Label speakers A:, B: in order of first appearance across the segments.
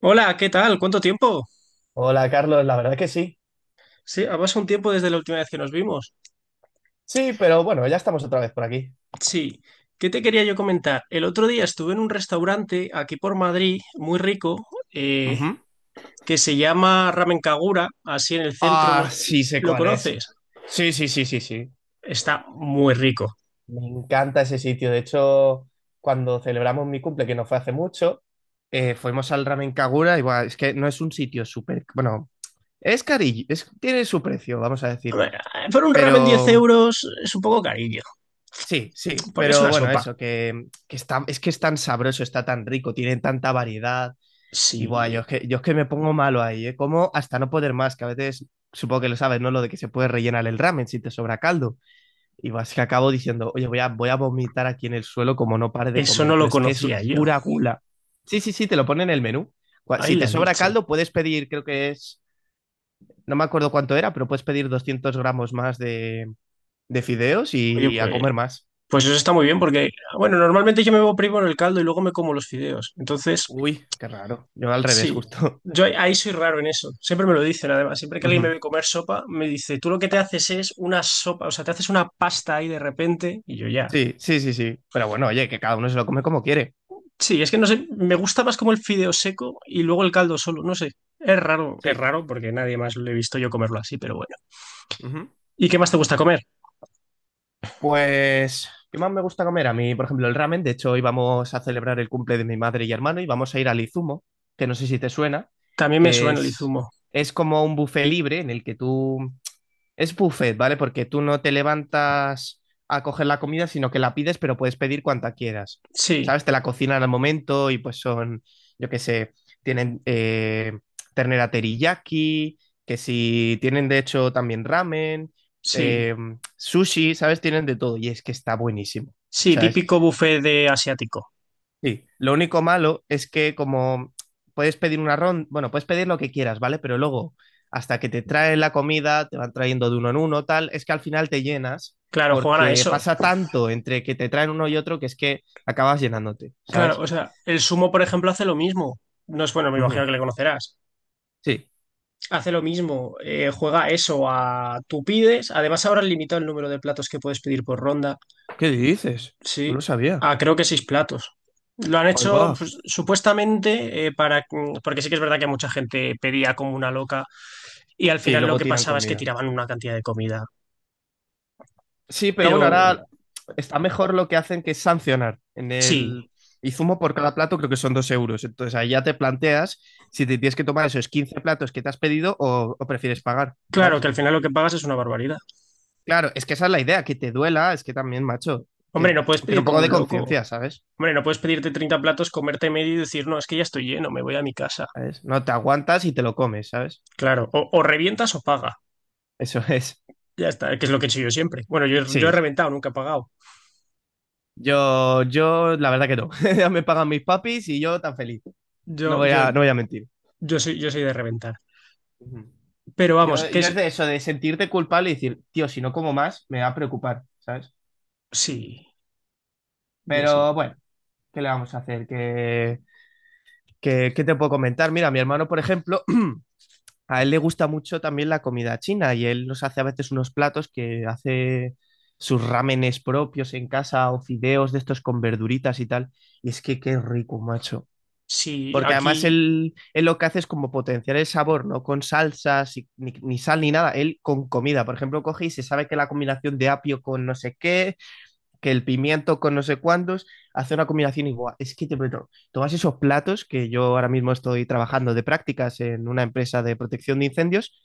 A: Hola, ¿qué tal? ¿Cuánto tiempo?
B: Hola Carlos, la verdad que sí.
A: Sí, ha pasado un tiempo desde la última vez que nos vimos.
B: Sí, pero bueno, ya estamos otra vez por aquí.
A: Sí, ¿qué te quería yo comentar? El otro día estuve en un restaurante aquí por Madrid, muy rico, eh,
B: Ujú.
A: que se llama Ramen Kagura, así en el centro. ¿No?
B: Ah, sí, sé
A: ¿Lo
B: cuál es.
A: conoces?
B: Sí, sí, sí, sí, sí.
A: Está muy rico.
B: Me encanta ese sitio. De hecho, cuando celebramos mi cumple, que no fue hace mucho, fuimos al Ramen Kagura y buah, es que no es un sitio súper... Bueno, es carillo, tiene su precio, vamos a
A: A
B: decir.
A: ver, por un ramen 10
B: Pero
A: euros es un poco carillo,
B: sí, sí,
A: porque es
B: pero
A: una
B: bueno,
A: sopa.
B: eso, que está, es que es tan sabroso, está tan rico, tiene tanta variedad. Y guay,
A: Sí,
B: yo es que me pongo malo ahí, ¿eh? Como hasta no poder más, que a veces supongo que lo sabes, ¿no? Lo de que se puede rellenar el ramen si te sobra caldo. Y vas que acabo diciendo, oye, voy a vomitar aquí en el suelo como no pare de
A: eso
B: comer,
A: no
B: pero
A: lo
B: es que es
A: conocía yo.
B: pura gula. Sí, sí, sí, te lo pone en el menú.
A: Ay,
B: Si te
A: la
B: sobra
A: leche.
B: caldo, puedes pedir, creo que es, no me acuerdo cuánto era, pero puedes pedir 200 gramos más de fideos
A: Oye,
B: y a
A: pues,
B: comer más.
A: pues eso está muy bien porque, bueno, normalmente yo me voy primero el caldo y luego me como los fideos. Entonces,
B: Uy, qué raro. Yo al revés,
A: sí,
B: justo.
A: yo ahí soy raro en eso. Siempre me lo dicen, además. Siempre que alguien me
B: Ujú.
A: ve comer sopa, me dice, tú lo que te haces es una sopa, o sea, te haces una pasta ahí de repente, y yo ya.
B: Sí, sí, sí, sí. Pero bueno, oye, que cada uno se lo come como quiere.
A: Sí, es que no sé, me gusta más como el fideo seco y luego el caldo solo, no sé. Es
B: Sí.
A: raro porque nadie más lo he visto yo comerlo así, pero bueno.
B: Ujú.
A: ¿Y qué más te gusta comer?
B: Pues, ¿qué más me gusta comer? A mí, por ejemplo, el ramen. De hecho, hoy vamos a celebrar el cumple de mi madre y hermano y vamos a ir al Izumo, que no sé si te suena,
A: También me
B: que
A: suena el izumo.
B: es como un buffet libre en el que tú es buffet, ¿vale? Porque tú no te levantas a coger la comida, sino que la pides, pero puedes pedir cuanta quieras.
A: Sí,
B: ¿Sabes? Te la cocinan al momento y pues son, yo qué sé, tienen ternera teriyaki, que si tienen de hecho también ramen,
A: sí,
B: eh, sushi, ¿sabes? Tienen de todo y es que está buenísimo,
A: sí,
B: ¿sabes?
A: típico buffet de asiático.
B: Sí, lo único malo es que como puedes pedir una ronda, bueno, puedes pedir lo que quieras, ¿vale? Pero luego, hasta que te traen la comida, te van trayendo de uno en uno, tal, es que al final te llenas
A: Claro, juegan a
B: porque
A: eso.
B: pasa tanto entre que te traen uno y otro que es que acabas llenándote,
A: Claro,
B: ¿sabes?
A: o sea, el sumo, por ejemplo, hace lo mismo. No es bueno, me imagino
B: Ujú.
A: que le conocerás.
B: Sí.
A: Hace lo mismo, juega eso a tú pides. Además, ahora han limitado el número de platos que puedes pedir por ronda.
B: ¿Qué dices?
A: Sí,
B: No lo sabía.
A: a creo que 6 platos. Lo han
B: Ahí va.
A: hecho pues, supuestamente para. Porque sí que es verdad que mucha gente pedía como una loca y al
B: Sí,
A: final lo
B: luego
A: que
B: tiran
A: pasaba es que
B: comida.
A: tiraban una cantidad de comida.
B: Sí, pero bueno,
A: Pero
B: ahora está mejor lo que hacen que es sancionar. En
A: sí,
B: el Izumo por cada plato creo que son 2 euros. Entonces ahí ya te planteas si te tienes que tomar esos 15 platos que te has pedido o prefieres pagar,
A: claro
B: ¿sabes?
A: que al final lo que pagas es una barbaridad.
B: Claro, es que esa es la idea, que te duela, es que también, macho, que
A: Hombre, no puedes
B: ten
A: pedir
B: un
A: como
B: poco de
A: un loco.
B: conciencia, ¿sabes?
A: Hombre, no puedes pedirte 30 platos, comerte medio y decir, no, es que ya estoy lleno, me voy a mi casa.
B: ¿Sabes? No te aguantas y te lo comes, ¿sabes?
A: Claro, o revientas o pagas.
B: Eso es.
A: Ya está, que es lo que he hecho yo siempre. Bueno, yo he
B: Sí.
A: reventado, nunca he pagado.
B: La verdad que no. Ya me pagan mis papis y yo tan feliz.
A: Yo, yo,
B: No voy a mentir.
A: yo soy de reventar.
B: Ujú.
A: Pero vamos,
B: Yo,
A: que
B: yo
A: es.
B: es de eso, de sentirte culpable y decir, tío, si no como más, me va a preocupar, ¿sabes?
A: Sí, yo sí.
B: Pero bueno, ¿qué le vamos a hacer? ¿Qué- qué te puedo comentar? Mira, mi hermano, por ejemplo, a él le gusta mucho también la comida china y él nos hace a veces unos platos que hace sus rámenes propios en casa o fideos de estos con verduritas y tal. Y es que qué rico, macho.
A: Sí,
B: Porque además
A: aquí,
B: él lo que hace es como potenciar el sabor, no con salsas, ni sal ni nada, él con comida. Por ejemplo, coge y se sabe que la combinación de apio con no sé qué, que el pimiento con no sé cuántos, hace una combinación igual. Es que te prometo, tomas esos platos que yo ahora mismo estoy trabajando de prácticas en una empresa de protección de incendios,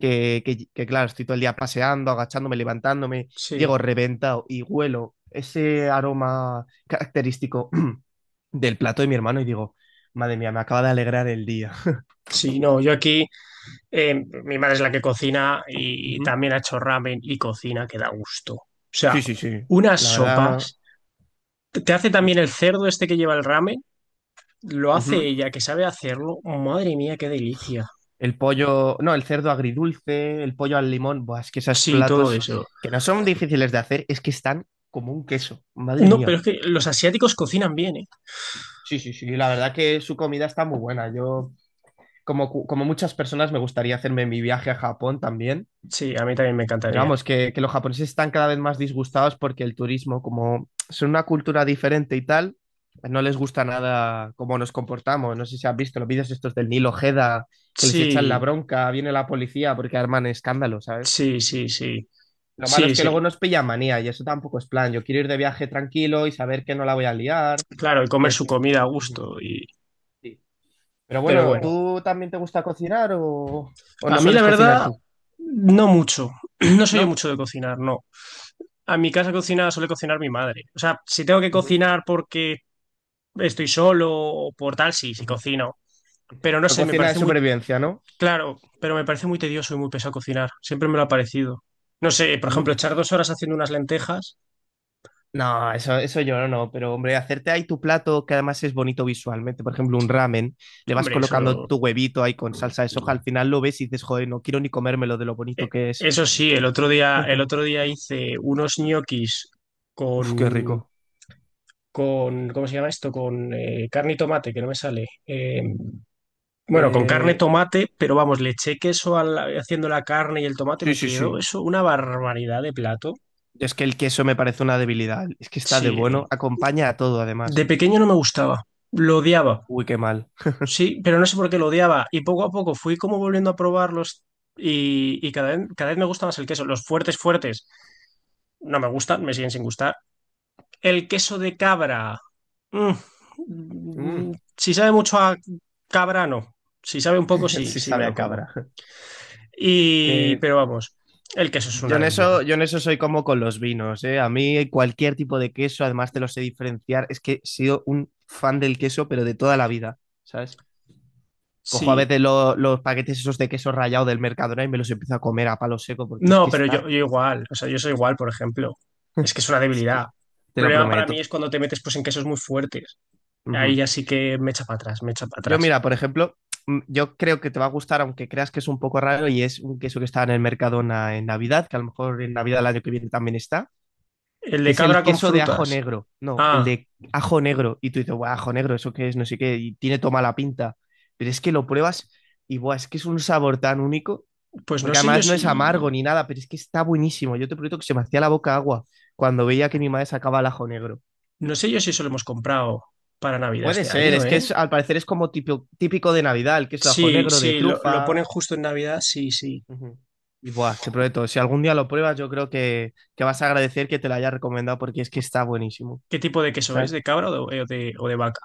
B: claro, estoy todo el día paseando, agachándome, levantándome,
A: sí.
B: llego reventado y huelo ese aroma característico del plato de mi hermano y digo, madre mía, me acaba de alegrar el día.
A: Sí, no, yo aquí, eh, mi madre es la que cocina y
B: Ujú.
A: también ha hecho ramen y cocina que da gusto. O sea,
B: Sí, sí, sí.
A: unas
B: La verdad,
A: sopas. Te hace también el cerdo este que lleva el ramen, lo hace
B: ujú.
A: ella, que sabe hacerlo. Madre mía, qué delicia.
B: El pollo, no, el cerdo agridulce, el pollo al limón, buah, es que esos
A: Sí, todo
B: platos
A: eso.
B: que no son difíciles de hacer, es que están como un queso, madre
A: No, pero
B: mía.
A: es que los asiáticos cocinan bien, ¿eh?
B: Sí, sí, sí, la verdad que su comida está muy buena. Yo, como muchas personas, me gustaría hacerme mi viaje a Japón también.
A: Sí, a mí también me
B: Pero
A: encantaría.
B: vamos, que los japoneses están cada vez más disgustados porque el turismo, como son una cultura diferente y tal, pues no les gusta nada cómo nos comportamos. No sé si has visto los vídeos estos del Nilo Ojeda, que les echan la
A: Sí,
B: bronca, viene la policía porque arman escándalo, ¿sabes?
A: sí, sí, sí.
B: Lo malo
A: Sí,
B: es que luego
A: sí.
B: nos pilla manía y eso tampoco es plan. Yo quiero ir de viaje tranquilo y saber que no la voy a liar,
A: Claro, y comer
B: que...
A: su comida a
B: Ujú,
A: gusto. Y...
B: sí. Pero
A: Pero
B: bueno,
A: bueno,
B: ¿tú también te gusta cocinar o no
A: a mí la
B: sueles cocinar
A: verdad,
B: tú?
A: no mucho. No soy yo
B: ¿No?
A: mucho de cocinar, no. A mi casa cocina suele cocinar mi madre. O sea, si tengo que
B: Ujú,
A: cocinar porque estoy solo o por tal, sí, sí
B: ujú.
A: cocino. Pero no
B: Pero
A: sé, me
B: cocina de
A: parece
B: supervivencia, ¿no?
A: muy tedioso y muy pesado cocinar. Siempre me lo ha parecido. No sé, por ejemplo, echar 2 horas haciendo unas lentejas,
B: No, eso yo no, pero hombre, hacerte ahí tu plato que además es bonito visualmente, por ejemplo, un ramen, le vas
A: hombre,
B: colocando
A: eso
B: tu huevito ahí con salsa de soja, al final lo ves y dices, joder, no quiero ni comérmelo de lo bonito que es.
A: Eso sí. El otro día hice unos ñoquis
B: Uf, qué
A: con,
B: rico.
A: ¿cómo se llama esto? Con carne y tomate, que no me sale. Bueno, con carne,
B: Eh,
A: tomate, pero vamos, le eché queso al- haciendo la carne y el tomate,
B: sí,
A: me
B: sí,
A: quedó
B: sí.
A: eso una barbaridad de plato.
B: Es que el queso me parece una debilidad, es que está de
A: Sí,
B: bueno, acompaña a todo
A: de
B: además.
A: pequeño no me gustaba, lo odiaba.
B: Uy, qué mal.
A: Sí, pero no sé por qué lo odiaba. Y poco a poco fui como volviendo a probarlos y cada vez me gusta más el queso. Los fuertes, fuertes, no me gustan, me siguen sin gustar. El queso de cabra. Mm,
B: Mm,
A: Si sabe mucho a cabra, no. Si sabe un poco, sí,
B: sí
A: sí me
B: sabe
A: lo
B: a
A: como.
B: cabra.
A: Y,
B: Que
A: pero vamos, el queso es
B: yo
A: una
B: en
A: debilidad.
B: eso, yo en eso soy como con los vinos, ¿eh? A mí cualquier tipo de queso, además te lo sé diferenciar. Es que he sido un fan del queso, pero de toda la vida, ¿sabes? Cojo a
A: Sí.
B: veces los paquetes esos de queso rallado del Mercadona y me los empiezo a comer a palo seco porque es
A: No,
B: que
A: pero yo,
B: está,
A: yo igual. O sea, yo soy igual, por ejemplo. Es que es una
B: es
A: debilidad.
B: que
A: El
B: te lo
A: problema para mí
B: prometo.
A: es cuando te metes pues en quesos muy fuertes. Ahí
B: Ujú.
A: ya sí que me echa para atrás, me echa para
B: Yo
A: atrás.
B: mira, por ejemplo, yo creo que te va a gustar, aunque creas que es un poco raro y es un queso que está en el Mercadona en Navidad, que a lo mejor en Navidad el año que viene también está
A: El
B: que
A: de
B: es el
A: cabra con
B: queso de ajo
A: frutas.
B: negro. No, el
A: Ah,
B: de ajo negro. Y tú dices, "Buah, ajo negro, ¿eso qué es? No sé qué. Y tiene toda mala pinta. Pero es que lo pruebas y, buah, es que es un sabor tan único.
A: pues no
B: Porque
A: sé yo
B: además no
A: si.
B: es amargo ni nada, pero es que está buenísimo. Yo te prometo que se me hacía la boca agua cuando veía que mi madre sacaba el ajo negro.
A: No sé yo si eso lo hemos comprado para Navidad
B: Puede
A: este
B: ser,
A: año,
B: es que
A: ¿eh?
B: es, al parecer es como típico, típico de Navidad, el queso de ajo
A: Sí,
B: negro, de
A: sí, lo
B: trufa.
A: ponen justo en Navidad, sí, sí.
B: Ujú. Y buah, te prometo, si algún día lo pruebas, yo creo que vas a agradecer que te lo haya recomendado porque es que está buenísimo,
A: ¿Qué tipo de queso es?
B: ¿sabes?
A: ¿De cabra o de vaca?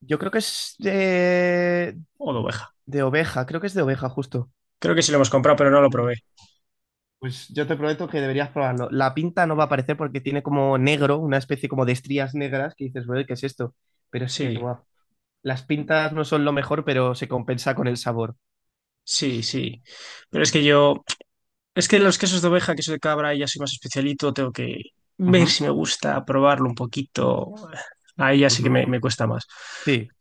B: Yo creo que es
A: ¿O de oveja?
B: de oveja, creo que es de oveja justo.
A: Creo que sí lo hemos comprado, pero no lo
B: Ujú.
A: probé.
B: Pues yo te prometo que deberías probarlo. La pinta no va a aparecer porque tiene como negro, una especie como de estrías negras que dices, bueno, ¿qué es esto? Pero es que,
A: Sí,
B: guau, las pintas no son lo mejor, pero se compensa con el sabor.
A: sí, sí. Pero es que yo, es que los quesos de oveja, queso de cabra, ya soy más especialito, tengo que ver
B: Ujú,
A: si me gusta, probarlo un poquito. Ahí ya sí que
B: ujú.
A: me cuesta más.
B: Sí,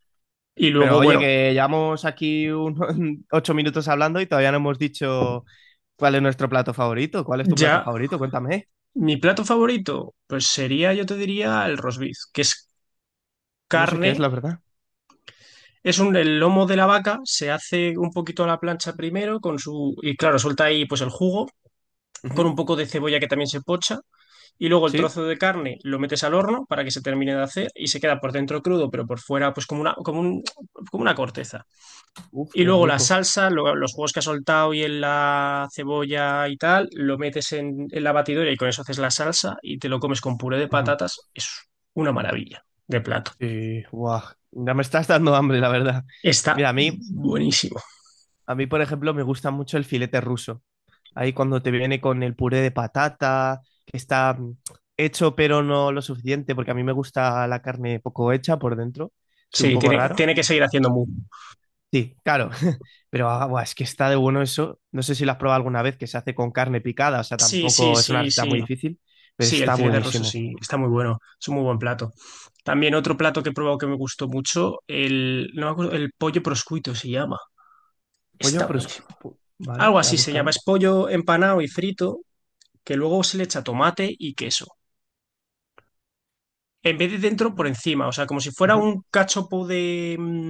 A: Y
B: pero
A: luego,
B: oye,
A: bueno,
B: que llevamos aquí 8 minutos hablando y todavía no hemos dicho cuál es nuestro plato favorito. ¿Cuál es tu plato
A: ya,
B: favorito? Cuéntame.
A: mi plato favorito, pues sería, yo te diría, el roast beef, que es
B: No sé qué es,
A: carne.
B: la verdad.
A: Es un, el lomo de la vaca, se hace un poquito a la plancha primero con su, y claro, suelta ahí pues el jugo, con
B: Ujú,
A: un poco de cebolla que también se pocha y luego el
B: ¿sí?
A: trozo de carne lo metes al horno para que se termine de hacer y se queda por dentro crudo pero por fuera pues como una, como un, como una corteza.
B: Uf,
A: Y
B: qué
A: luego la
B: rico.
A: salsa, lo- los jugos que has soltado y en la cebolla y tal, lo metes en la batidora y con eso haces la salsa y te lo comes con puré de
B: Ujú.
A: patatas. Es una maravilla de plato.
B: Sí, guau. Ya me estás dando hambre, la verdad.
A: Está
B: Mira,
A: buenísimo.
B: a mí, por ejemplo, me gusta mucho el filete ruso. Ahí cuando te viene con el puré de patata, que está hecho pero no lo suficiente, porque a mí me gusta la carne poco hecha por dentro. Soy un
A: Sí,
B: poco
A: tiene,
B: raro.
A: tiene que seguir haciendo muy.
B: Sí, claro. Pero ah, buah, es que está de bueno eso. No sé si lo has probado alguna vez, que se hace con carne picada. O sea,
A: Sí, sí,
B: tampoco es una
A: sí,
B: receta
A: sí.
B: muy difícil, pero
A: Sí, el
B: está
A: filete ruso
B: buenísimo.
A: sí, está muy bueno, es un muy buen plato. También otro plato que he probado que me gustó mucho, el, no me acuerdo, el pollo proscuito se llama,
B: Pollo,
A: está
B: pero...
A: buenísimo.
B: Vale,
A: Algo
B: voy a
A: así se llama,
B: buscarlo.
A: es pollo empanado y frito, que luego se le echa tomate y queso. En vez de dentro, por
B: Vale.
A: encima, o sea, como si fuera
B: Ujú.
A: un cachopo de... mm,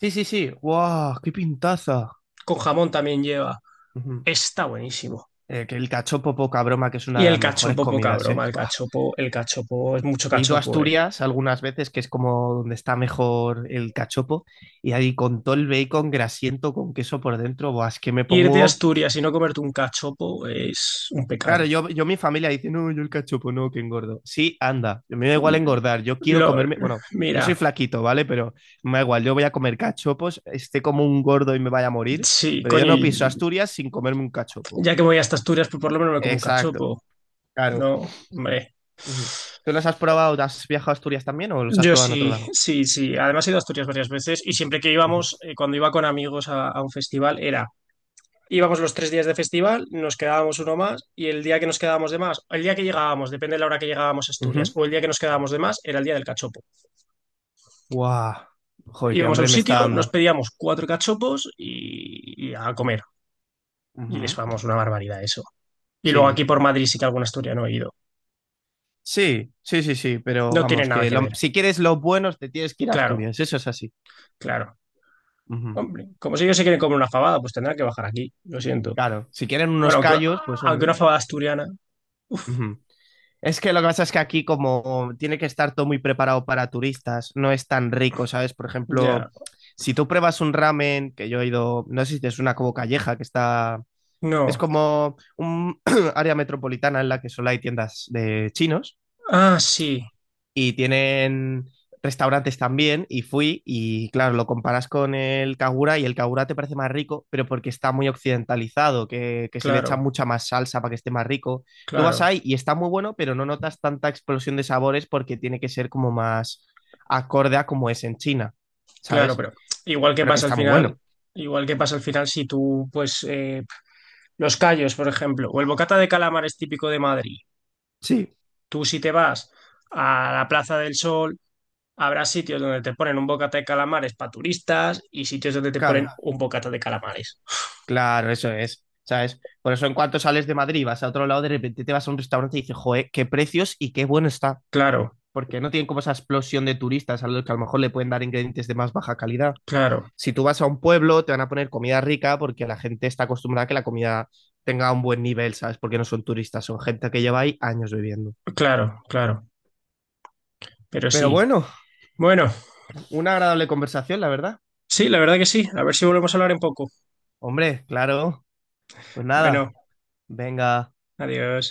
B: Sí, sí, sí. ¡Guau! ¡Qué pintaza!
A: con jamón también lleva,
B: Ujú.
A: está buenísimo.
B: Que el cachopo, poca broma, que es
A: Y
B: una de
A: el
B: las mejores
A: cachopo, poca
B: comidas,
A: broma,
B: ¿eh?
A: el
B: Buah.
A: cachopo, el cachopo, es mucho
B: He ido a
A: cachopo, ¿eh?
B: Asturias algunas veces, que es como donde está mejor el cachopo, y ahí con todo el bacon grasiento con queso por dentro, buah, es que me
A: Ir de
B: pongo...
A: Asturias y no comerte un cachopo es un
B: Claro,
A: pecado.
B: yo mi familia dice, no, yo el cachopo, no, que engordo. Sí, anda, a mí me da igual engordar, yo quiero
A: Lo,
B: comerme... Bueno, yo
A: mira.
B: soy flaquito, ¿vale? Pero me da igual, yo voy a comer cachopos, esté como un gordo y me vaya a morir,
A: Sí,
B: pero yo
A: coño,
B: no
A: y
B: piso Asturias sin comerme un cachopo.
A: ya que voy hasta Asturias, pues por lo menos me como un
B: Exacto,
A: cachopo,
B: claro.
A: ¿no? Hombre.
B: Ujú. ¿Tú los has probado? ¿Has viajado a Asturias también o los has
A: Yo
B: probado en otro
A: sí,
B: lado?
A: sí, sí. Además he ido a Asturias varias veces y siempre que
B: Ujú.
A: íbamos, cuando iba con amigos a un festival, era, íbamos los 3 días de festival, nos quedábamos uno más y el día que nos quedábamos de más, el día que llegábamos, depende de la hora que llegábamos a Asturias,
B: Ujú.
A: o el día que nos quedábamos de más, era el día del cachopo.
B: Guau. Joder, qué
A: Íbamos a
B: hambre
A: un
B: me está
A: sitio, nos
B: dando.
A: pedíamos 4 cachopos y a comer. Y es,
B: Ujú.
A: vamos, una barbaridad eso. Y luego aquí
B: Sí.
A: por Madrid sí que algún asturiano he ido.
B: Sí, sí, sí, sí, pero
A: No tiene
B: vamos,
A: nada
B: que
A: que ver,
B: si quieres los buenos te tienes que ir a
A: claro.
B: Asturias, eso es así.
A: Claro.
B: Ujú.
A: Hombre, como si ellos se quieren comer una fabada, pues tendrán que bajar aquí, lo siento.
B: Claro, si quieren unos
A: Bueno, aunque,
B: callos, pues
A: aunque
B: hombre.
A: una fabada asturiana, uff,
B: Ujú. Es que lo que pasa es que aquí como tiene que estar todo muy preparado para turistas, no es tan rico, ¿sabes? Por ejemplo,
A: ya,
B: si tú pruebas un ramen, que yo he ido, no sé si es una como calleja que está. Es
A: no.
B: como un área metropolitana en la que solo hay tiendas de chinos
A: Ah, sí,
B: y tienen restaurantes también y fui y claro, lo comparas con el Kagura y el Kagura te parece más rico, pero porque está muy occidentalizado, que se le echa
A: claro,
B: mucha más salsa para que esté más rico. Tú vas
A: claro,
B: ahí y está muy bueno, pero no notas tanta explosión de sabores porque tiene que ser como más acorde a como es en China,
A: claro,
B: ¿sabes?
A: pero igual que
B: Pero que
A: pasa al
B: está muy
A: final,
B: bueno.
A: igual que pasa al final si tú, pues, los callos, por ejemplo, o el bocata de calamares típico de Madrid,
B: Sí,
A: tú si te vas a la Plaza del Sol, habrá sitios donde te ponen un bocata de calamares para turistas y sitios donde te ponen
B: claro.
A: un bocata de calamares.
B: Claro, eso es, ¿sabes? Por eso en cuanto sales de Madrid, vas a otro lado, de repente te vas a un restaurante y dices, joder, qué precios y qué bueno está.
A: Claro,
B: Porque no tienen como esa explosión de turistas a los que a lo mejor le pueden dar ingredientes de más baja calidad.
A: claro,
B: Si tú vas a un pueblo, te van a poner comida rica porque la gente está acostumbrada a que la comida tenga un buen nivel, ¿sabes? Porque no son turistas, son gente que lleva ahí años viviendo.
A: claro, claro, pero
B: Pero
A: sí.
B: bueno,
A: Bueno,
B: una agradable conversación, la verdad.
A: sí, la verdad que sí. A ver si volvemos a hablar en poco.
B: Hombre, claro. Pues nada,
A: Bueno,
B: venga.
A: adiós.